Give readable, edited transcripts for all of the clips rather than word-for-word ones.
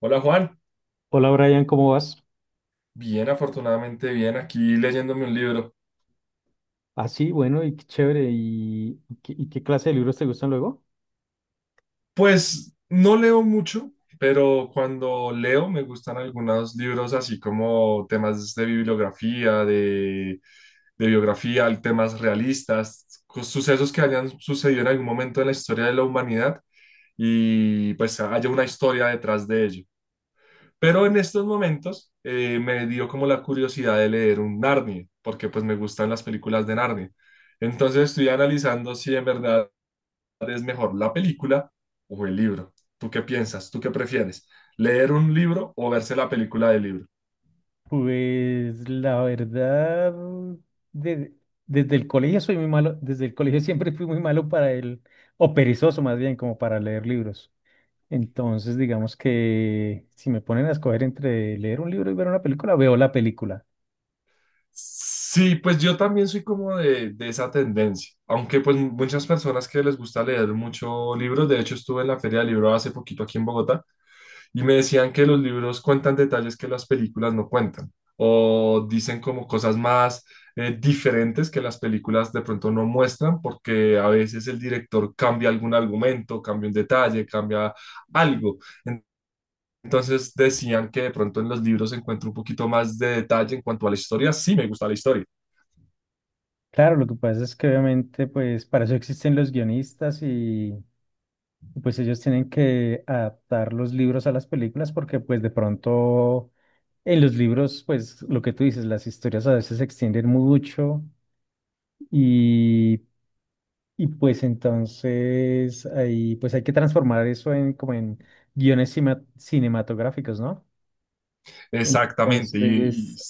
Hola Juan, Hola Brian, ¿cómo vas? bien, afortunadamente bien, aquí leyéndome un libro. Ah, sí, bueno, y qué chévere. ¿Y qué clase de libros te gustan luego? Pues no leo mucho, pero cuando leo me gustan algunos libros así como temas de bibliografía, de biografía, temas realistas, sucesos que hayan sucedido en algún momento en la historia de la humanidad y pues haya una historia detrás de ello. Pero en estos momentos me dio como la curiosidad de leer un Narnia, porque pues me gustan las películas de Narnia. Entonces estoy analizando si en verdad es mejor la película o el libro. ¿Tú qué piensas? ¿Tú qué prefieres? ¿Leer un libro o verse la película del libro? Pues la verdad, de- desde el colegio soy muy malo, desde el colegio siempre fui muy malo para el, o perezoso más bien, como para leer libros. Entonces, digamos que si me ponen a escoger entre leer un libro y ver una película, veo la película. Sí, pues yo también soy como de esa tendencia, aunque pues muchas personas que les gusta leer mucho libros, de hecho estuve en la Feria del Libro hace poquito aquí en Bogotá. Y me decían que los libros cuentan detalles que las películas no cuentan, o dicen como cosas más diferentes que las películas de pronto no muestran, porque a veces el director cambia algún argumento, cambia un detalle, cambia algo. En- Entonces decían que de pronto en los libros se encuentra un poquito más de detalle en cuanto a la historia. Sí, me gusta la historia. Claro, lo que pasa es que obviamente, pues para eso existen los guionistas y pues ellos tienen que adaptar los libros a las películas porque pues de pronto en los libros pues lo que tú dices, las historias a veces se extienden mucho y, y pues entonces ahí pues hay que transformar eso en como en guiones cinematográficos, ¿no? Exactamente. Y Entonces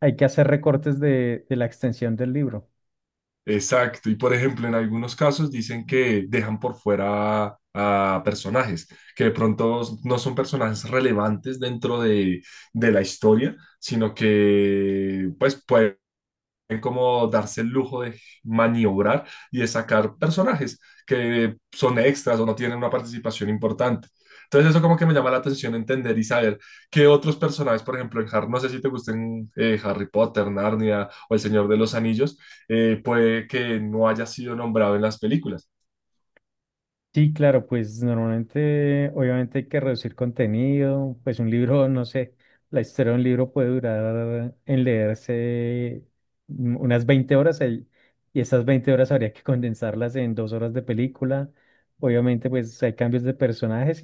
hay que hacer recortes de la extensión del libro. exacto, y por ejemplo, en algunos casos dicen que dejan por fuera a personajes, que de pronto no son personajes relevantes de la historia, sino que pues pueden en cómo darse el lujo de maniobrar y de sacar personajes que son extras o no tienen una participación importante. Entonces eso como que me llama la atención entender y saber qué otros personajes, por ejemplo, en Harry, no sé si te gusten Harry Potter, Narnia o El Señor de los Anillos, puede que no haya sido nombrado en las películas. Sí, claro, pues normalmente, obviamente hay que reducir contenido, pues un libro, no sé, la historia de un libro puede durar en leerse unas 20 horas y esas 20 horas habría que condensarlas en 2 horas de película. Obviamente, pues hay cambios de personajes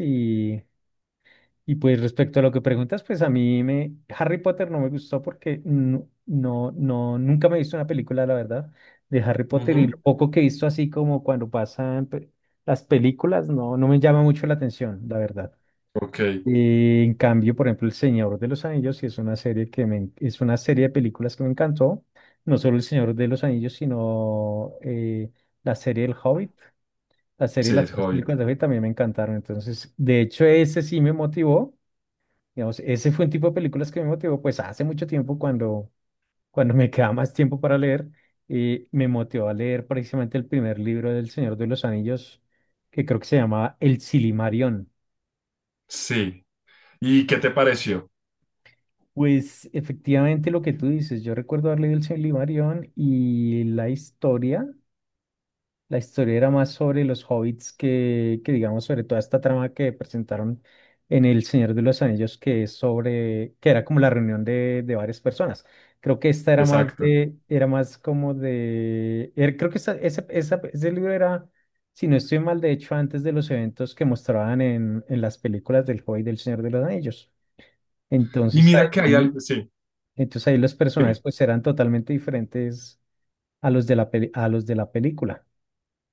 y pues respecto a lo que preguntas, pues a mí me Harry Potter no me gustó porque nunca me he visto una película, la verdad, de Harry Potter y lo Ujú. poco que he visto así como cuando pasan las películas, no, no me llama mucho la atención, la verdad. Ok, En cambio, por ejemplo, El Señor de los Anillos, sí es una serie que es una serie de películas que me encantó, no solo El Señor de los Anillos, sino la serie El Hobbit, la serie de sí, las es tres Hobbit. películas de Hobbit también me encantaron. Entonces, de hecho, ese sí me motivó. Digamos, ese fue un tipo de películas que me motivó, pues hace mucho tiempo, cuando me quedaba más tiempo para leer, me motivó a leer precisamente el primer libro del Señor de los Anillos, que creo que se llamaba El Silimarión. Sí. ¿Y qué te pareció? Pues efectivamente lo que tú dices, yo recuerdo haber leído El Silimarión y la historia. La historia era más sobre los hobbits que, digamos, sobre toda esta trama que presentaron en El Señor de los Anillos, que es sobre, que era como la reunión de varias personas. Creo que esta era más Exacto. de, era más como de, creo que ese libro era, si no estoy mal, de hecho, antes de los eventos que mostraban en las películas del Hobbit del Señor de los Anillos. Y Entonces mira que hay ahí, algo, sí, entonces ahí los dime. personajes pues eran totalmente diferentes a los de la a los de la película.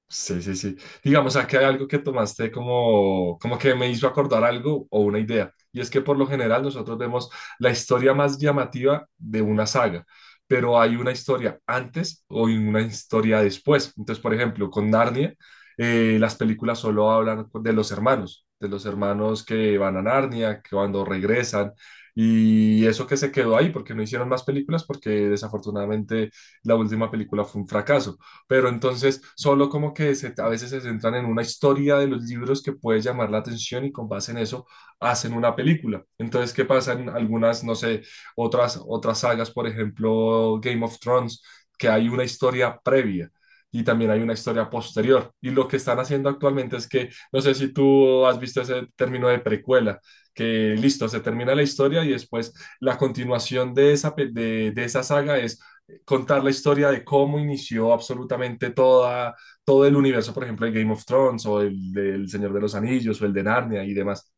Sí, sí, sí. Digamos, aquí hay algo que tomaste como que me hizo acordar algo o una idea. Y es que por lo general nosotros vemos la historia más llamativa de una saga, pero hay una historia antes o hay una historia después. Entonces, por ejemplo, con Narnia, las películas solo hablan de los hermanos que van a Narnia, que cuando regresan. Y eso que se quedó ahí, porque no hicieron más películas, porque desafortunadamente la última película fue un fracaso, pero entonces solo como que a veces se centran en una historia de los libros que puede llamar la atención y con base en eso hacen una película. Entonces, ¿qué pasa en algunas, no sé, otras sagas, por ejemplo, Game of Thrones, que hay una historia previa? Y también hay una historia posterior. Y lo que están haciendo actualmente es que, no sé si tú has visto ese término de precuela, que listo, se termina la historia y después la continuación de esa, de esa saga es contar la historia de cómo inició absolutamente toda, todo el universo, por ejemplo, el Game of Thrones o el del Señor de los Anillos o el de Narnia y demás.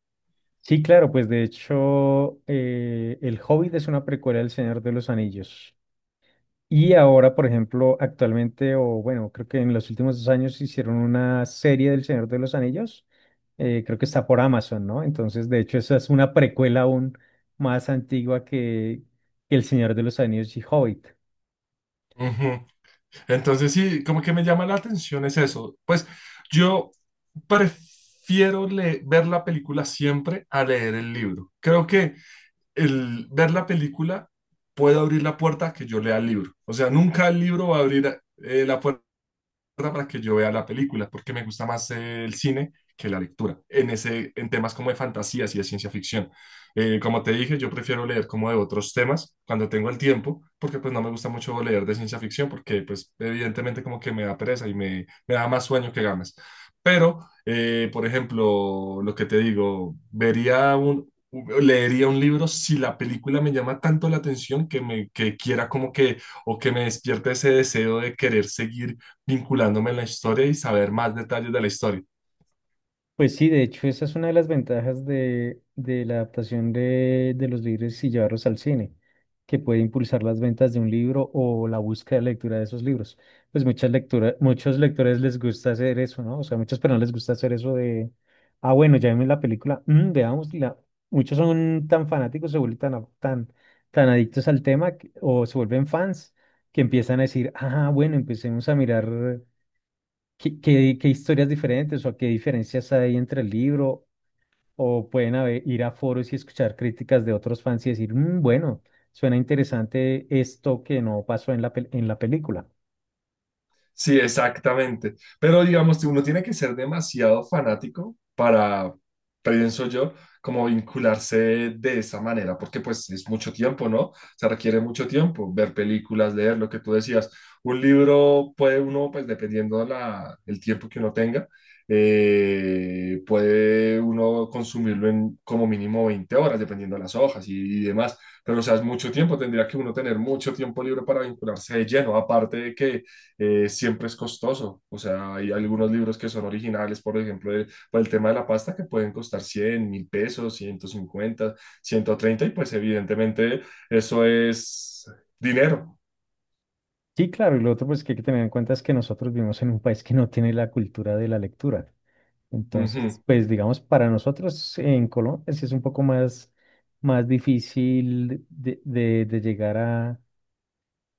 Sí, claro, pues de hecho, El Hobbit es una precuela del Señor de los Anillos. Y ahora, por ejemplo, actualmente, o bueno, creo que en los últimos 2 años hicieron una serie del Señor de los Anillos. Eh, creo que está por Amazon, ¿no? Entonces, de hecho, esa es una precuela aún más antigua que El Señor de los Anillos y Hobbit. Ujú. Entonces sí, como que me llama la atención es eso. Pues yo prefiero ver la película siempre a leer el libro. Creo que el ver la película puede abrir la puerta a que yo lea el libro. O sea, nunca el libro va a abrir la puerta para que yo vea la película, porque me gusta más el cine que la lectura, en temas como de fantasías y de ciencia ficción. Como te dije, yo prefiero leer como de otros temas cuando tengo el tiempo, porque pues no me gusta mucho leer de ciencia ficción, porque pues evidentemente como que me da pereza y me da más sueño que ganas. Pero, por ejemplo, lo que te digo, leería un libro si la película me llama tanto la atención que me que quiera como que o que me despierte ese deseo de querer seguir vinculándome en la historia y saber más detalles de la historia. Pues sí, de hecho, esa es una de las ventajas de la adaptación de los libros y llevarlos al cine, que puede impulsar las ventas de un libro o la búsqueda de lectura de esos libros. Pues muchas lecturas, muchos lectores les gusta hacer eso, ¿no? O sea, muchas personas les gusta hacer eso de, ah, bueno, ya vimos la película, mm, veamos, la... muchos son tan fanáticos, se vuelven tan adictos al tema o se vuelven fans que empiezan a decir, ah, bueno, empecemos a mirar. Qué historias diferentes o qué diferencias hay entre el libro? O pueden ir a foros y escuchar críticas de otros fans y decir, "Mm, bueno, suena interesante esto que no pasó en la, en la película." Sí, exactamente. Pero digamos, si uno tiene que ser demasiado fanático para, pienso yo, como vincularse de esa manera, porque pues es mucho tiempo, ¿no? Se requiere mucho tiempo, ver películas, leer lo que tú decías. Un libro puede uno, pues dependiendo de del tiempo que uno tenga, puede uno consumirlo en como mínimo 20 horas, dependiendo de las hojas y demás. Pero o sea, es mucho tiempo, tendría que uno tener mucho tiempo libre para vincularse de lleno, aparte de que siempre es costoso. O sea, hay algunos libros que son originales, por ejemplo, por el tema de la pasta, que pueden costar 100.000 pesos, 150, 130 y pues evidentemente eso es dinero. Sí, claro, y lo otro pues que hay que tener en cuenta es que nosotros vivimos en un país que no tiene la cultura de la lectura. Ujú, Entonces, pues digamos, para nosotros en Colombia sí es un poco más, más difícil de llegar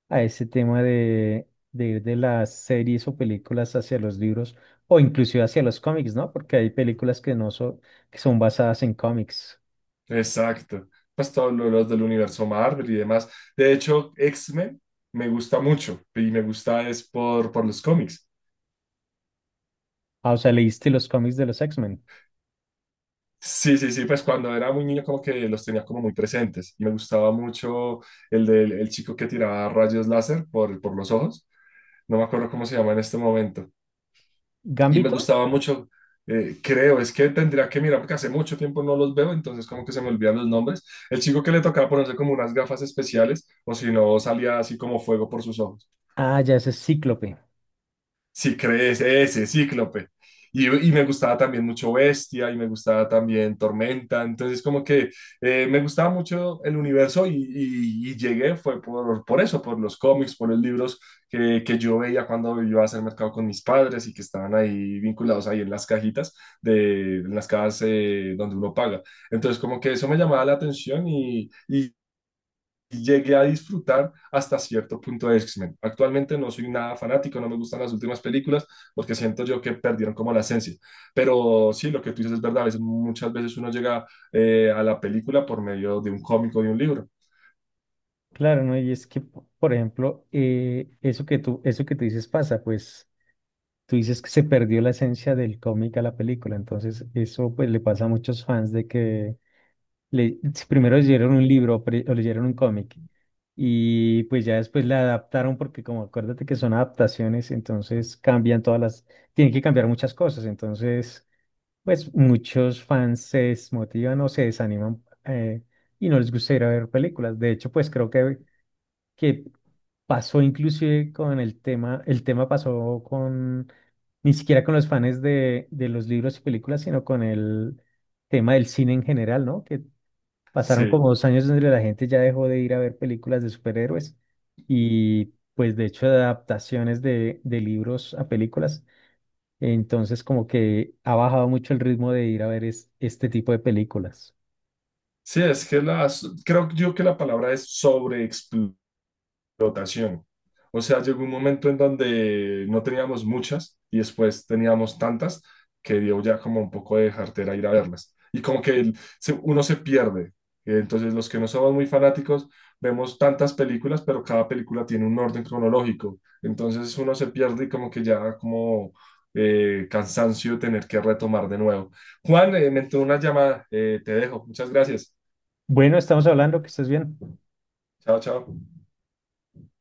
a ese tema de ir de las series o películas hacia los libros o inclusive hacia los cómics, ¿no? Porque hay películas que no son, que son basadas en cómics. exacto. Pues todos los del universo Marvel y demás. De hecho, X-Men me gusta mucho y me gusta es por los cómics. Ah, o sea, leíste los cómics de los X-Men. Sí, sí, sí, pues cuando era muy niño como que los tenía como muy presentes. Me gustaba mucho el chico que tiraba rayos láser por los ojos. No me acuerdo cómo se llama en este momento. Y me ¿Gambito? gustaba mucho, es que tendría que mirar porque hace mucho tiempo no los veo, entonces como que se me olvidan los nombres. El chico que le tocaba ponerse como unas gafas especiales o si no salía así como fuego por sus ojos. Ah, ya ese es Cíclope. Sí, crees, ese, Cíclope. Y me gustaba también mucho Bestia y me gustaba también Tormenta. Entonces, como que me gustaba mucho el universo y llegué fue por eso, por los cómics, por los libros que yo veía cuando yo iba a hacer mercado con mis padres y que estaban ahí vinculados ahí en las cajitas, en las cajas donde uno paga. Entonces, como que eso me llamaba la atención y llegué a disfrutar hasta cierto punto de X-Men. Actualmente no soy nada fanático, no me gustan las últimas películas porque siento yo que perdieron como la esencia. Pero sí, lo que tú dices es verdad, muchas veces uno llega a la película por medio de un cómic o de un libro. Claro, ¿no? Y es que, por ejemplo, eso que tú dices pasa, pues tú dices que se perdió la esencia del cómic a la película. Entonces, eso pues le pasa a muchos fans de que le, si primero leyeron un libro o leyeron un cómic y pues ya después la adaptaron porque como acuérdate que son adaptaciones, entonces cambian todas las, tienen que cambiar muchas cosas. Entonces, pues muchos fans se desmotivan o se desaniman y no les gusta ir a ver películas. De hecho, pues creo que pasó inclusive con el tema pasó con, ni siquiera con los fans de los libros y películas, sino con el tema del cine en general, ¿no? Que pasaron Sí, como 2 años donde la gente ya dejó de ir a ver películas de superhéroes y pues de hecho de adaptaciones de libros a películas. Entonces como que ha bajado mucho el ritmo de ir a ver este tipo de películas. sí, es que las, creo yo que la palabra es sobreexplotar. Rotación. O sea, llegó un momento en donde no teníamos muchas y después teníamos tantas que dio ya como un poco de jartera ir a verlas. Y como que uno se pierde. Entonces, los que no somos muy fanáticos, vemos tantas películas, pero cada película tiene un orden cronológico. Entonces, uno se pierde y como que ya como cansancio tener que retomar de nuevo. Juan, me entró una llamada. Te dejo. Muchas gracias. Bueno, estamos hablando, que estés bien. Chao, chao.